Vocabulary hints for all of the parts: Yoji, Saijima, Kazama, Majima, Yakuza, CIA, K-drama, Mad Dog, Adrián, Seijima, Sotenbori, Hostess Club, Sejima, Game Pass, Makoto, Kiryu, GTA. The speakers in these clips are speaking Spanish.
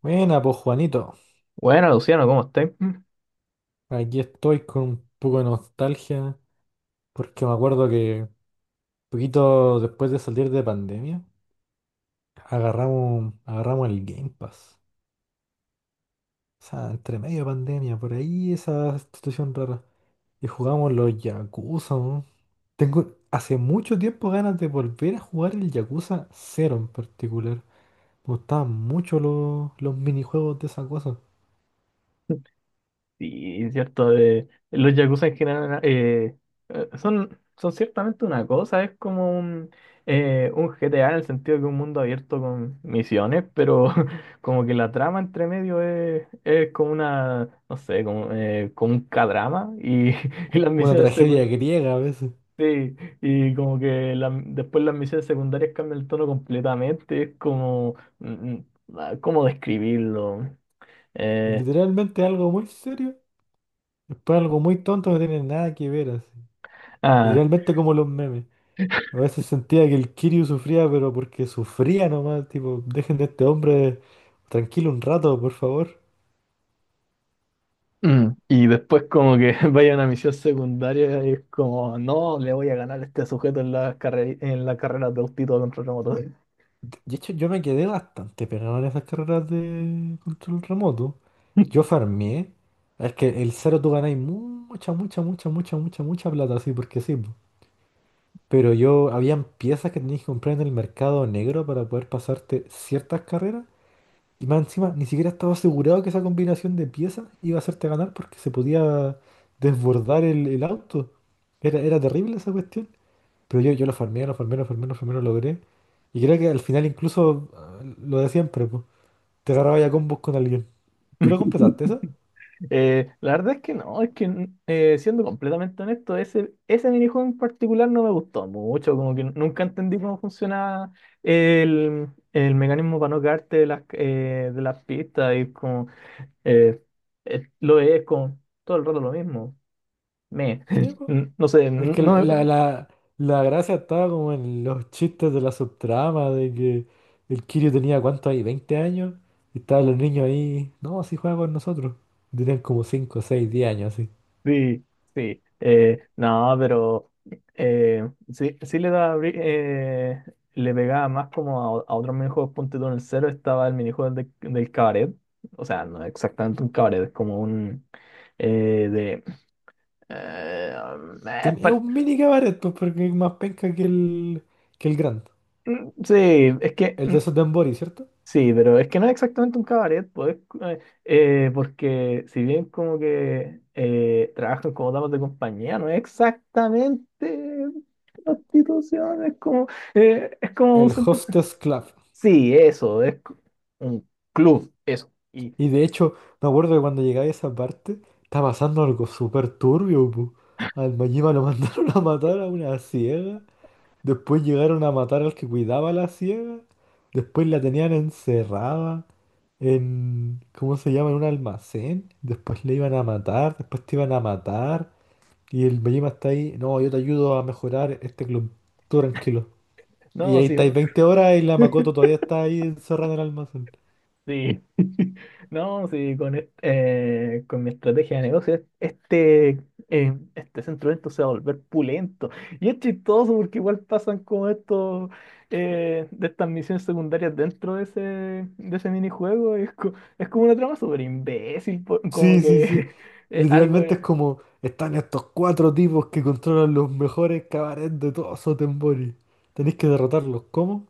Buena, pues Juanito, Bueno, Luciano, ¿cómo estás? Mm. aquí estoy con un poco de nostalgia porque me acuerdo que poquito después de salir de pandemia agarramos el Game Pass. O sea, entre medio de pandemia, por ahí esa situación rara. Y jugamos los Yakuza, ¿no? Tengo hace mucho tiempo ganas de volver a jugar el Yakuza cero en particular. Me gustaban mucho los minijuegos de esa cosa. Sí, es cierto. Los yakuza en general, son ciertamente una cosa. Es como un GTA en el sentido que un mundo abierto con misiones, pero como que la trama entre medio es como una, no sé, como un K-drama, y, y las Una misiones tragedia secundarias. griega a veces. Sí, y como que después las misiones secundarias cambian el tono completamente, es como, mm, mm, ¿cómo describirlo? Eh, Literalmente algo muy serio. Después algo muy tonto, no tiene nada que ver así. ah, Literalmente como los memes. A veces sentía que el Kiryu sufría, pero porque sufría nomás, tipo, dejen de este hombre tranquilo un rato, por favor. Mm. Y después como que vaya a una misión secundaria y es como, no, le voy a ganar a este sujeto en la carrera de autito contra remoto. De hecho, yo me quedé bastante pegado en esas carreras de control remoto. Yo farmeé. Es que el cero tú ganáis mucha, mucha, mucha, mucha, mucha, mucha plata, así porque sí. Po. Pero yo, habían piezas que tenías que comprar en el mercado negro para poder pasarte ciertas carreras. Y más encima, ni siquiera estaba asegurado que esa combinación de piezas iba a hacerte ganar porque se podía desbordar el auto. Era terrible esa cuestión. Pero yo lo farmeé, lo farmeé, lo farmeé, lo farmeé, lo logré. Y creo que al final incluso ah, lo de siempre, pues, te agarraba ya combos con alguien. ¿Tú lo completaste esa? La verdad es que no, es que siendo completamente honesto, ese minijuego en particular no me gustó mucho, como que nunca entendí cómo funcionaba el mecanismo para no caerte de las pistas y como eh, lo es como todo el rato lo mismo. Me, Sí, pues. no sé, Es que no. La gracia estaba como en los chistes de la subtrama, de que el Kirio tenía cuánto ahí, 20 años, y estaban los niños ahí, no, así juega con nosotros. Tenían como 5 6 10 años así. Sí, sí. No, pero sí, sí le pegaba más como a otros minijuegos. Ponte tú en el cero estaba el minijuego del cabaret. O sea, no es exactamente un cabaret, es como un de eh, um, eh, Ten- es pa- un mini cabaret, pues, porque es más penca que que el Grand. mm. Sí, es que El mm. de Sotenbori, ¿cierto? Sí, pero es que no es exactamente un cabaret, pues, porque si bien como que trabajan como damas de compañía, no es exactamente prostitución, es como un El centro... Hostess Club. Sí, eso, un club, eso. Y Y de hecho, me acuerdo que cuando llegáis a esa parte, está pasando algo súper turbio, po. Al Majima lo mandaron a matar a una ciega. Después llegaron a matar al que cuidaba a la ciega. Después la tenían encerrada en, ¿cómo se llama? En un almacén. Después le iban a matar. Después te iban a matar. Y el Bellima está ahí. No, yo te ayudo a mejorar este club. Tú tranquilo. Y no, ahí sí. estáis 20 horas y la Makoto todavía está ahí encerrada en el almacén. Sí, no, sí, con mi estrategia de negocio, este, este centro de eventos se va a volver pulento. Y es chistoso porque igual pasan como estos, de estas misiones secundarias dentro de ese minijuego. Es como una trama súper imbécil, como Sí, sí, sí. que algo Literalmente de... es como, están estos cuatro tipos que controlan los mejores cabarets de todo Sotembori. Tenéis que derrotarlos. ¿Cómo?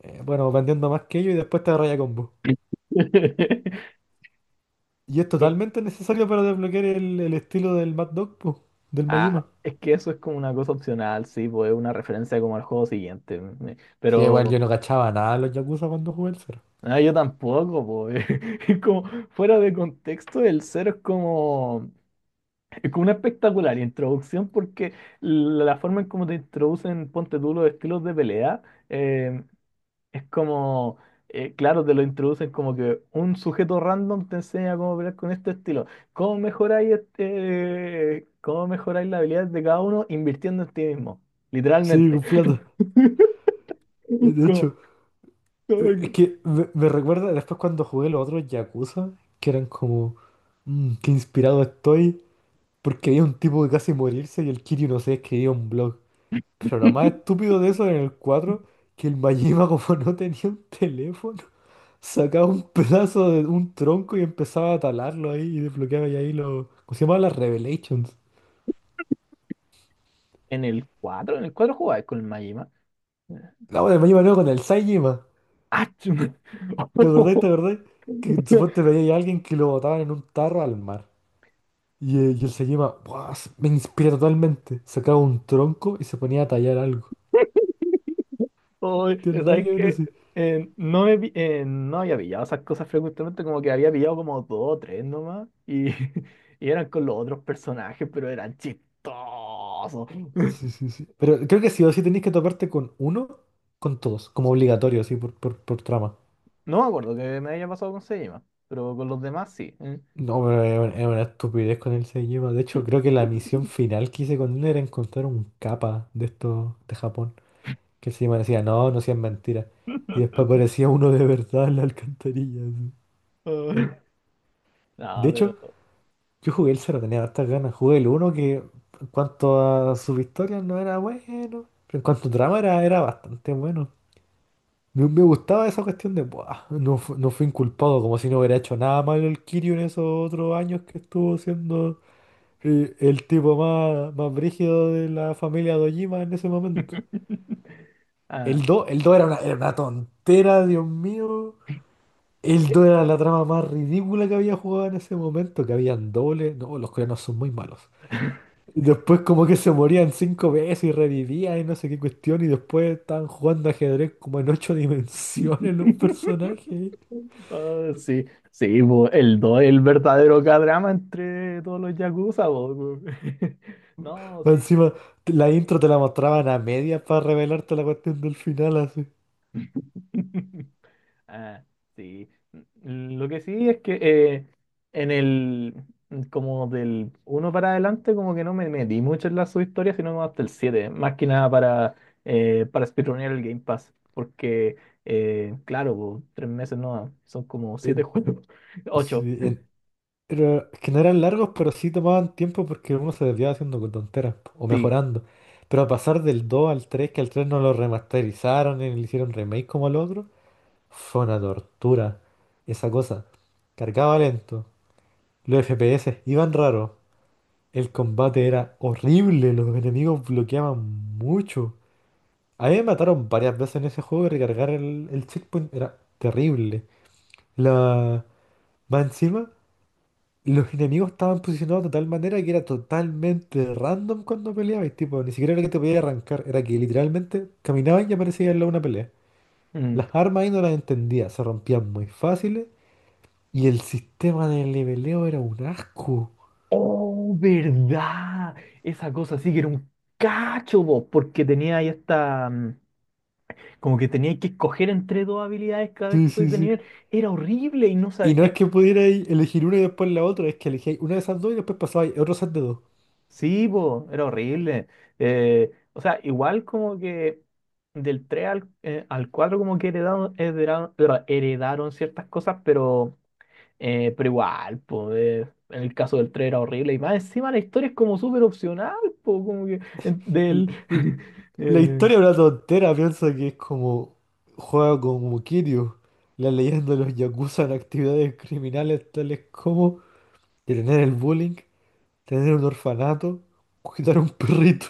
Bueno, vendiendo más que ellos y después te agarráis a combo. Y es totalmente necesario para desbloquear el estilo del Mad Dog, po, del Ah, Majima. es que eso es como una cosa opcional, sí, pues es una referencia como al juego siguiente. Sí, igual Pero... yo no cachaba nada de los Yakuza cuando jugué el cero. Ah, yo tampoco, pues. Es como, fuera de contexto, el cero es como una espectacular introducción porque la forma en cómo te introducen, ponte tú, los estilos de pelea, eh, es como, claro, te lo introducen como que un sujeto random te enseña cómo pelear con este estilo. ¿Cómo mejoráis las habilidades de cada uno invirtiendo en ti mismo? Sí, Literalmente. con plata. Como- De como hecho, es que- que me recuerda después cuando jugué los otros Yakuza, que eran como, "Mm, qué inspirado estoy", porque había un tipo que casi morirse y el Kiryu no sé, escribía un blog. Pero lo más estúpido de eso era en el cuatro, que el Majima como no tenía un teléfono, sacaba un pedazo de un tronco y empezaba a talarlo ahí y desbloqueaba y ahí lo. ¿Cómo se llamaba las Revelations? en el cuatro jugabas con el Majima. La bueno, me iba con el Saijima. ¡Ah! ¿Te acordás? ¿Te acordás? Que Ay, supuestamente veía a alguien que lo botaban en un tarro al mar. Y el Saijima, ¡buah! Me inspira totalmente. Sacaba un tronco y se ponía a tallar algo. Tiene nada ¿sabes que ver qué? así. No, no había pillado esas cosas frecuentemente, como que había pillado como dos o tres nomás, y, y eran con los otros personajes, pero eran chistosos. Sí, sí, sí. Pero creo que sí o sí tenéis que toparte con uno, con todos, como obligatorio, así, por trama. No me acuerdo que me haya pasado con Sejima, pero con los demás sí. ¿Eh? No, pero es una estupidez con el Seijima. De hecho, creo que la misión final que hice con él era encontrar un capa de estos de Japón. Que el Seijima decía, no, no seas mentira. Y después aparecía uno de verdad en la alcantarilla. Así. Ah. No, De hecho, pero... yo jugué el 0, tenía hartas ganas. Jugué el uno que en cuanto a sus historias no era bueno. Pero en cuanto a trama era, era bastante bueno. Me gustaba esa cuestión de, "Buah, no, no fue inculpado", como si no hubiera hecho nada malo el Kiryu en esos otros años que estuvo siendo el tipo más, más brígido de la familia de en ese momento. Ah. El do, el do era una tontera, Dios mío. El do era la trama más ridícula que había jugado en ese momento, que habían dobles. No, los coreanos son muy malos. Y después como que se morían cinco veces y revivían y no sé qué cuestión y después estaban jugando ajedrez como en ocho dimensiones los personajes. Ah, sí, sí, bo, el 2 es el verdadero K-drama entre todos los Yakuza, bo. No, Más sí. encima, la intro te la mostraban a medias para revelarte la cuestión del final así. Ah, sí. Mm. Lo que sí es que en el, como del uno para adelante, como que no me metí mucho en la subhistoria, sino hasta el 7 más que nada para, para speedrunear el Game Pass, porque, claro, bo, 3 meses no, son como siete En- juegos, ocho. sí, en- Pero que no eran largos, pero sí tomaban tiempo porque uno se desviaba haciendo con tonteras po, o Sí. mejorando. Pero a pasar del 2 al tres, que al 3 no lo remasterizaron y le hicieron remake como al otro, fue una tortura. Esa cosa. Cargaba lento. Los FPS iban raros. El combate era horrible. Los enemigos bloqueaban mucho. A mí me mataron varias veces en ese juego y recargar el checkpoint era terrible. La... Más encima. Los enemigos estaban posicionados de tal manera que era totalmente random cuando peleabas, tipo, ni siquiera era que te podías arrancar, era que literalmente caminaban y aparecía al lado una pelea. Las Mm. armas ahí no las entendía, se rompían muy fáciles y el sistema de leveleo era un asco. Oh, verdad. Esa cosa sí que era un cacho, vos, porque tenía ahí esta, mm, como que tenía que escoger entre dos habilidades cada vez Sí, que soy sí, de sí. nivel. Era horrible y no Y sabía. no es que pudierais elegir una y después la otra, es que elegíais una de esas dos y después pasabais a otro set de dos. Sí, vos, era horrible. O sea, igual como que del 3 al 4 como que heredaron, heredaron ciertas cosas, pero igual, pues, en el caso del 3 era horrible. Y más encima la historia es como súper opcional, pues, como que en- del... La Eh, historia es una tontera, piensa que es como juega como Kiryu, la leyenda de los yakuza en actividades criminales tales como detener el bullying, tener un orfanato, cuidar a un perrito.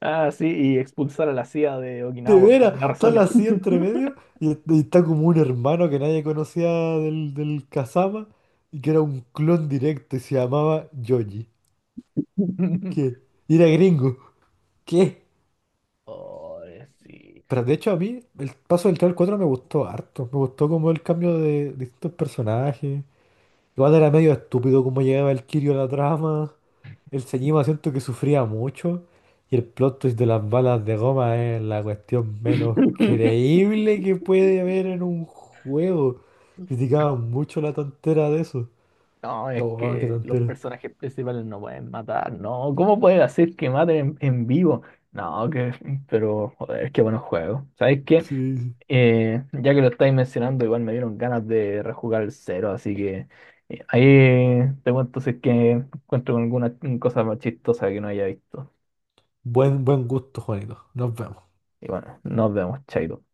Ah, sí, y expulsar a la CIA de De Okinawa por veras, alguna está la razón. así entre medio y está como un hermano que nadie conocía del Kazama y que era un clon directo y se llamaba Yoji. ¿Qué? Y era gringo. ¿Qué? Oh, sí. Pero de hecho a mí el paso del 3 al 4 me gustó harto. Me gustó como el cambio de distintos personajes. Igual era medio estúpido como llegaba el Kirio a la trama. El Señima siento que sufría mucho. Y el plot twist de las balas de goma es la cuestión menos creíble que puede haber en un juego. Criticaban mucho la tontera de eso. No, es No, ah, qué que los tontera. personajes principales no pueden matar, ¿no? ¿Cómo puedes hacer que maten en vivo? No, que, pero, joder, qué buenos juegos. ¿Sabes qué? Sí, sí. Ya que lo estáis mencionando, igual me dieron ganas de rejugar el cero, así que ahí te cuento si es que encuentro alguna cosa más chistosa que no haya visto. Sí. Buen, buen gusto, Juanito. Nos vemos. Y bueno, nos vemos, chaito.